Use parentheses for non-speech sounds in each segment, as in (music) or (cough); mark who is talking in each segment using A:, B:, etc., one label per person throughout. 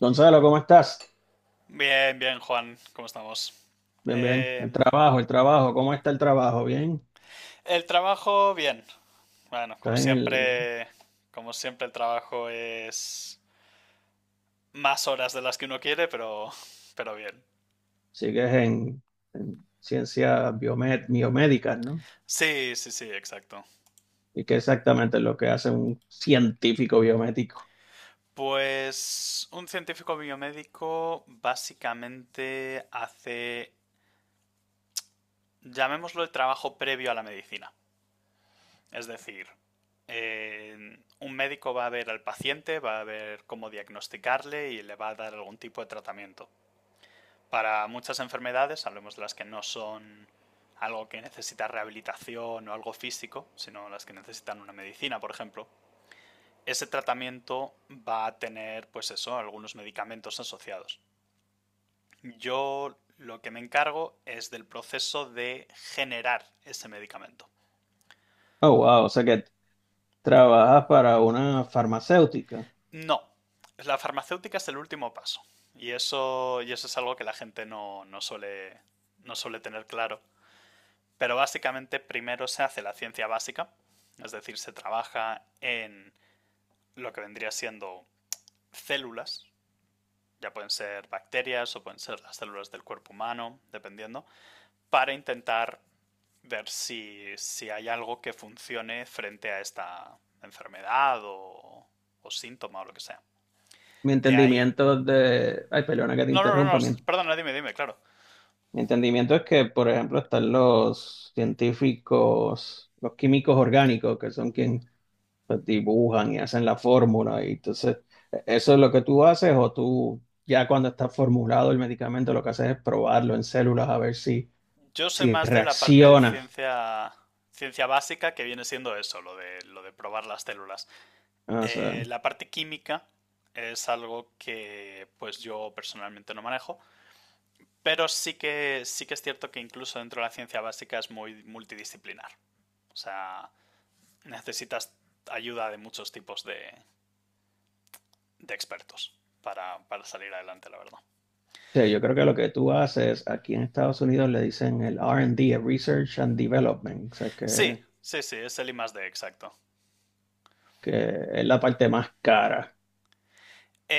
A: Gonzalo, ¿cómo estás?
B: Bien, bien, Juan, ¿cómo estamos?
A: Bien, bien.
B: Eh,
A: El trabajo, ¿cómo está el trabajo? Bien.
B: el trabajo, bien. Bueno,
A: Estás en el,
B: como siempre el trabajo es más horas de las que uno quiere, pero bien.
A: sigues en ciencias biomédicas, ¿no?
B: Sí, sí, sí, exacto.
A: ¿Y qué exactamente es lo que hace un científico biomédico?
B: Pues un científico biomédico básicamente llamémoslo el trabajo previo a la medicina. Es decir, un médico va a ver al paciente, va a ver cómo diagnosticarle y le va a dar algún tipo de tratamiento. Para muchas enfermedades, hablemos de las que no son algo que necesita rehabilitación o algo físico, sino las que necesitan una medicina, por ejemplo, ese tratamiento va a tener, pues eso, algunos medicamentos asociados. Yo lo que me encargo es del proceso de generar ese medicamento.
A: Oh, wow, o sea que trabajas para una farmacéutica.
B: No, la farmacéutica es el último paso. Y eso es algo que la gente no suele tener claro. Pero básicamente primero se hace la ciencia básica, es decir, se trabaja en lo que vendría siendo células, ya pueden ser bacterias o pueden ser las células del cuerpo humano, dependiendo, para intentar ver si hay algo que funcione frente a esta enfermedad o síntoma o lo que sea.
A: Mi
B: De ahí.
A: entendimiento es de, Ay, perdona que te
B: No, no, no, no,
A: interrumpa. mi,
B: perdona, dime, dime, claro.
A: mi entendimiento es que, por ejemplo, están los científicos, los químicos orgánicos, que son quienes pues, dibujan y hacen la fórmula. Y entonces, ¿eso es lo que tú haces o tú ya cuando está formulado el medicamento lo que haces es probarlo en células a ver si,
B: Yo soy
A: si
B: más de la parte de
A: reacciona?
B: ciencia, ciencia básica que viene siendo eso, lo de probar las células.
A: Ah, o sea,
B: La parte química es algo que pues yo personalmente no manejo, pero sí que es cierto que incluso dentro de la ciencia básica es muy multidisciplinar. O sea, necesitas ayuda de muchos tipos de expertos para, salir adelante, la verdad.
A: sí, yo creo que lo que tú haces aquí en Estados Unidos le dicen el R and D, el Research and Development, o sea,
B: Sí, sí, sí, es el I+D, exacto.
A: que es la parte más cara.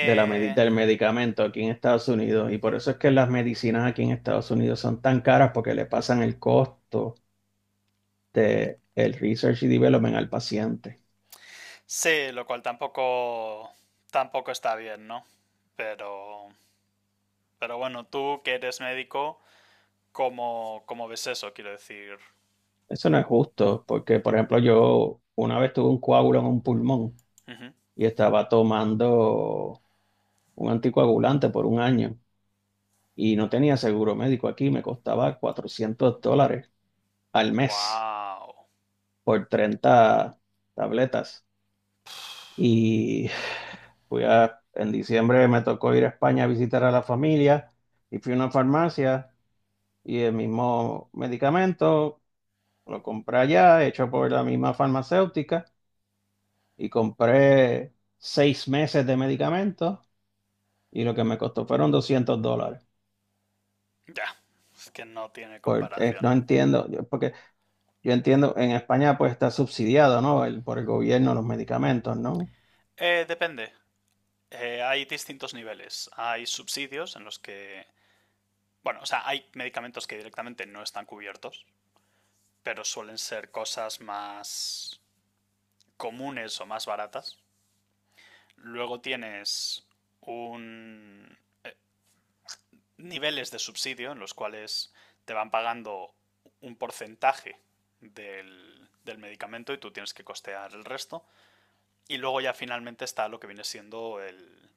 A: De la, medi- del medicamento aquí en Estados Unidos y por eso es que las medicinas aquí en Estados Unidos son tan caras porque le pasan el costo de el research y development al paciente.
B: sí, lo cual tampoco, tampoco está bien, ¿no? Pero, pero bueno, tú que eres médico, ¿cómo ves eso? Quiero decir,
A: Eso no es justo, porque por ejemplo yo una vez tuve un coágulo en un pulmón
B: ujú.
A: y estaba tomando un anticoagulante por un año y no tenía seguro médico aquí, me costaba $400 al mes
B: Wow.
A: por 30 tabletas. Y en diciembre me tocó ir a España a visitar a la familia y fui a una farmacia y el mismo medicamento lo compré allá, hecho por la misma farmacéutica y compré 6 meses de medicamentos y lo que me costó fueron 200 dólares.
B: Ya, es que no tiene comparación.
A: No entiendo, porque yo entiendo, en España pues está subsidiado, ¿no? Por el gobierno los medicamentos, ¿no?
B: Depende. Hay distintos niveles. Hay subsidios en los que, bueno, o sea, hay medicamentos que directamente no están cubiertos, pero suelen ser cosas más comunes o más baratas. Luego tienes un niveles de subsidio en los cuales te van pagando un porcentaje del medicamento y tú tienes que costear el resto. Y luego ya finalmente está lo que viene siendo el,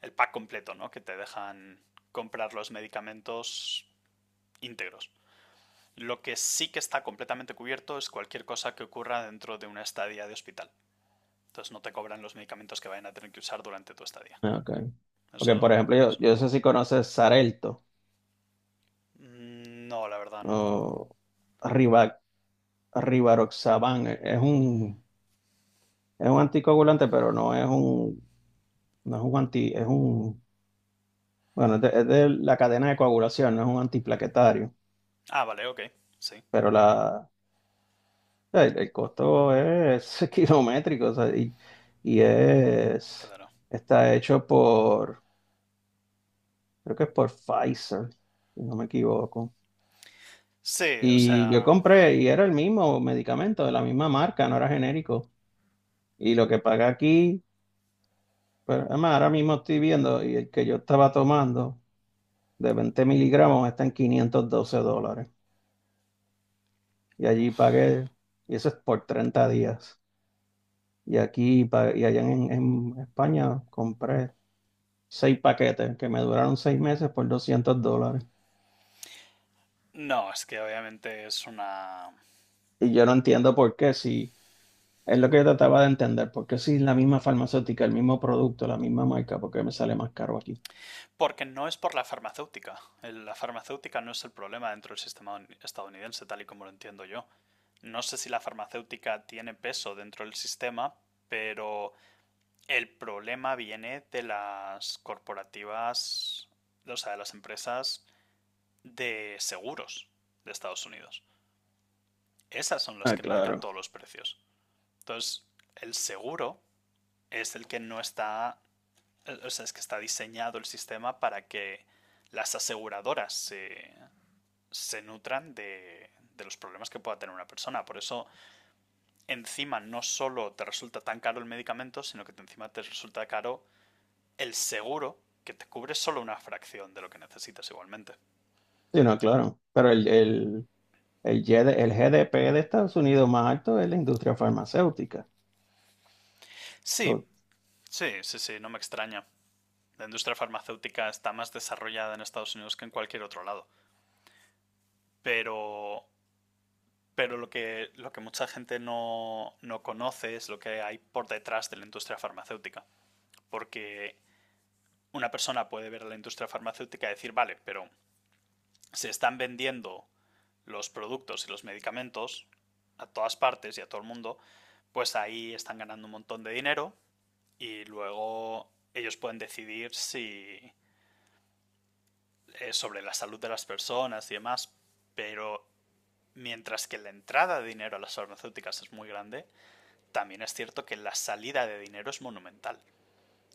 B: el pack completo, ¿no? Que te dejan comprar los medicamentos íntegros. Lo que sí que está completamente cubierto es cualquier cosa que ocurra dentro de una estadía de hospital. Entonces no te cobran los medicamentos que vayan a tener que usar durante tu estadía.
A: Ah, ok. Porque, por
B: Eso,
A: ejemplo, yo,
B: eso
A: yo
B: no.
A: no sé si conoces Xarelto
B: Mm, no, la verdad no.
A: o Rivaroxaban, es un anticoagulante, pero no es un anti, es un, bueno, es de la cadena de coagulación, no es un antiplaquetario,
B: Ah, vale, ok. Sí,
A: pero el costo es (laughs) kilométrico, o sea, y es,
B: claro.
A: está hecho por, creo que es por Pfizer, si no me equivoco.
B: Sí, o
A: Y yo
B: sea.
A: compré, y era el mismo medicamento, de la misma marca, no era genérico. Y lo que paga aquí. Pero además, ahora mismo estoy viendo y el que yo estaba tomando de 20 miligramos está en 512 dólares. Y allí
B: Uf.
A: pagué, y eso es por 30 días. Y allá en España compré seis paquetes que me duraron 6 meses por 200 dólares.
B: No, es que obviamente es una.
A: Y yo no entiendo por qué, si es lo que yo trataba de entender, por qué si es la misma farmacéutica, el mismo producto, la misma marca, por qué me sale más caro aquí.
B: Porque no es por la farmacéutica. La farmacéutica no es el problema dentro del sistema estadounidense, tal y como lo entiendo yo. No sé si la farmacéutica tiene peso dentro del sistema, pero el problema viene de las corporativas, o sea, de las empresas de seguros de Estados Unidos. Esas son las
A: Ah,
B: que marcan
A: claro.
B: todos los precios. Entonces, el seguro es el que no está. O sea, es que está diseñado el sistema para que las aseguradoras se nutran de, los problemas que pueda tener una persona. Por eso, encima no solo te resulta tan caro el medicamento, sino que encima te resulta caro el seguro, que te cubre solo una fracción de lo que necesitas igualmente.
A: Sí, no, claro. Pero el GDP de Estados Unidos más alto es la industria farmacéutica.
B: Sí,
A: Por-
B: sí, sí, sí, no me extraña. La industria farmacéutica está más desarrollada en Estados Unidos que en cualquier otro lado. Pero Pero lo que mucha gente no conoce es lo que hay por detrás de la industria farmacéutica. Porque una persona puede ver a la industria farmacéutica y decir, vale, pero se están vendiendo los productos y los medicamentos a todas partes y a todo el mundo, pues ahí están ganando un montón de dinero y luego ellos pueden decidir si sobre la salud de las personas y demás, pero mientras que la entrada de dinero a las farmacéuticas es muy grande, también es cierto que la salida de dinero es monumental.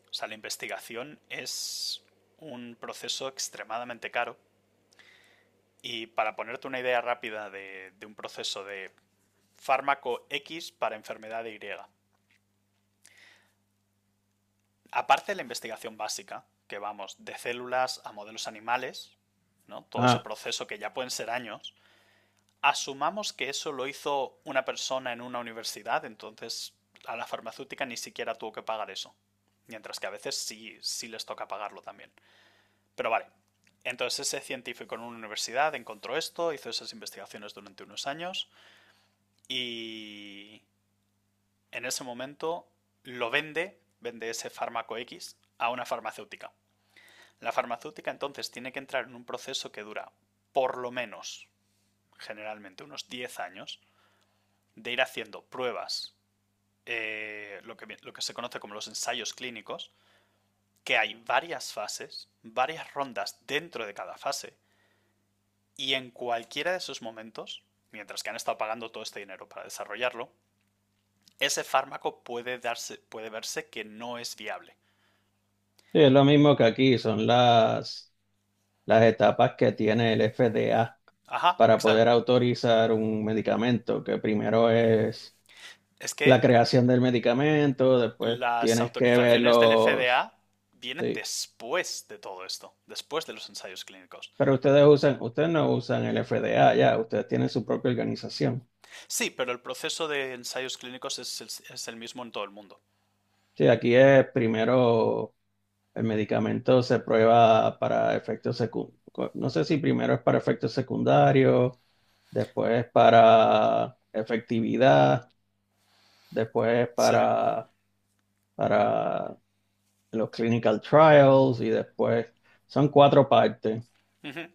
B: O sea, la investigación es un proceso extremadamente caro. Y para ponerte una idea rápida de, un proceso de fármaco X para enfermedad Y, aparte de la investigación básica, que vamos de células a modelos animales, ¿no? Todo ese
A: ah,
B: proceso que ya pueden ser años. Asumamos que eso lo hizo una persona en una universidad, entonces a la farmacéutica ni siquiera tuvo que pagar eso. Mientras que a veces sí les toca pagarlo también. Pero vale. Entonces ese científico en una universidad encontró esto, hizo esas investigaciones durante unos años y en ese momento lo vende, vende ese fármaco X a una farmacéutica. La farmacéutica entonces tiene que entrar en un proceso que dura por lo menos, generalmente, unos 10 años, de ir haciendo pruebas, lo que se conoce como los ensayos clínicos, que hay varias fases, varias rondas dentro de cada fase, y en cualquiera de esos momentos, mientras que han estado pagando todo este dinero para desarrollarlo, ese fármaco puede verse que no es viable.
A: sí, es lo mismo que aquí, son las etapas que tiene el FDA
B: Ajá,
A: para poder
B: exacto.
A: autorizar un medicamento, que primero es
B: Es
A: la
B: que
A: creación del medicamento, después
B: las
A: tienes que ver
B: autorizaciones del
A: los...
B: FDA vienen
A: Sí.
B: después de todo esto, después de los ensayos clínicos.
A: Pero ustedes usan, ustedes no usan el FDA ya, ustedes tienen su propia organización.
B: Sí, pero el proceso de ensayos clínicos es el mismo en todo el mundo.
A: Sí, aquí es primero el medicamento se prueba para efectos secundarios. No sé si primero es para efectos secundarios, después para efectividad, después
B: Sí,
A: para los clinical trials y después son cuatro partes
B: ujú,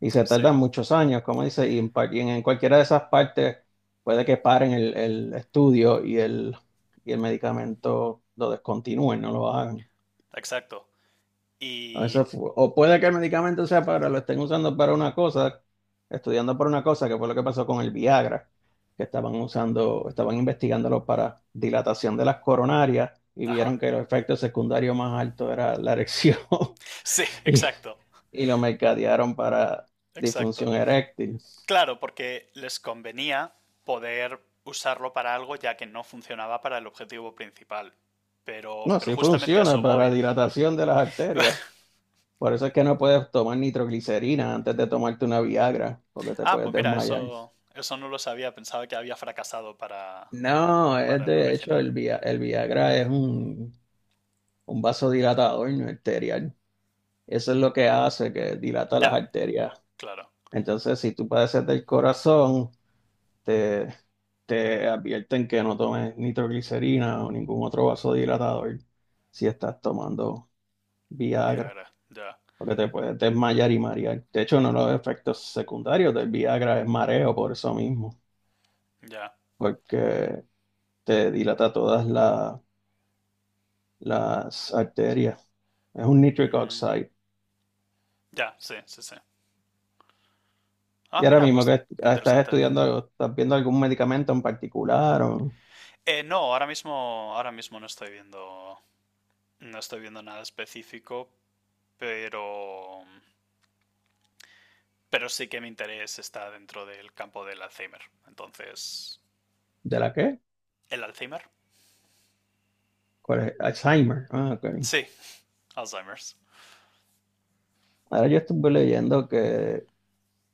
A: y se
B: sí,
A: tardan muchos años, como dice, y en, y en cualquiera de esas partes puede que paren el estudio y el medicamento lo descontinúen, no lo hagan.
B: exacto. Y.
A: O puede que el medicamento sea para, lo estén usando para una cosa, estudiando para una cosa, que fue lo que pasó con el Viagra, que estaban usando, estaban investigándolo para dilatación de las coronarias y
B: Ajá. (laughs)
A: vieron que el efecto secundario más alto era la erección
B: Sí,
A: (laughs) y,
B: exacto,
A: y lo mercadearon para
B: exacto.
A: disfunción eréctil.
B: Claro, porque les convenía poder usarlo para algo ya que no funcionaba para el objetivo principal. Pero,
A: No,
B: pero
A: sí
B: justamente a
A: funciona
B: eso
A: para
B: voy.
A: dilatación de las arterias.
B: (laughs)
A: Por eso es que no puedes tomar nitroglicerina antes de tomarte una Viagra, porque te
B: Ah,
A: puedes
B: pues mira,
A: desmayar.
B: eso no lo sabía. Pensaba que había fracasado
A: No, es
B: para el
A: de hecho el,
B: original.
A: Via- el Viagra es un vasodilatador no arterial. Eso es lo que hace, que dilata las
B: Ya,
A: arterias.
B: claro.
A: Entonces, si tú padeces del corazón, te, te advierten que no tomes nitroglicerina o ningún otro vasodilatador si estás tomando Viagra,
B: Viagra, ya.
A: porque te puedes desmayar
B: Mm,
A: y marear. De hecho, uno de los efectos secundarios del Viagra es mareo por eso mismo,
B: ya.
A: porque te dilata todas las arterias. Es un nitric
B: Mm,
A: oxide.
B: ya, sí, sí, sí. Ah,
A: ¿Y ahora
B: mira,
A: mismo
B: pues qué
A: estás
B: interesante.
A: estudiando algo, estás viendo algún medicamento en particular o...?
B: No, ahora mismo no estoy viendo nada específico, pero, pero sí que mi interés está dentro del campo del Alzheimer. Entonces,
A: ¿De la qué?
B: ¿el Alzheimer?
A: ¿Cuál es? Alzheimer. Ah, ok.
B: Sí, Alzheimer's.
A: Ahora yo estuve leyendo que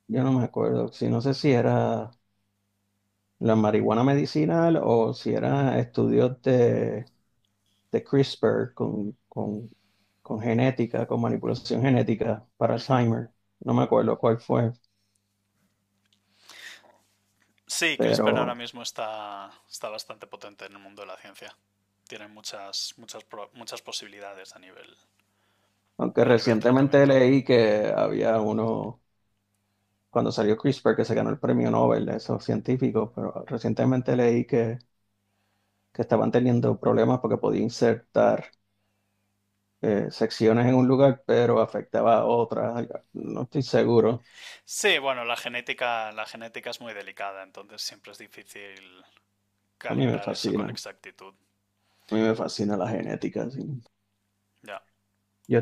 A: yo no me acuerdo, si no sé si era la marihuana medicinal o si era estudios de, CRISPR con genética, con manipulación genética para
B: Ujú.
A: Alzheimer. No me acuerdo cuál fue,
B: Sí, CRISPR ahora
A: pero
B: mismo está, está bastante potente en el mundo de la ciencia. Tiene muchas posibilidades a nivel,
A: aunque
B: a nivel
A: recientemente
B: tratamiento.
A: leí que había uno cuando salió CRISPR, que se ganó el premio Nobel de esos científicos, pero recientemente leí que, estaban teniendo problemas porque podía insertar secciones en un lugar, pero afectaba a otras. No estoy seguro.
B: Sí, bueno, la genética es muy delicada, entonces siempre es difícil
A: A mí me
B: calibrar eso
A: fascina,
B: con
A: a
B: exactitud.
A: mí me fascina la genética. Sí.
B: Ya.
A: Yo,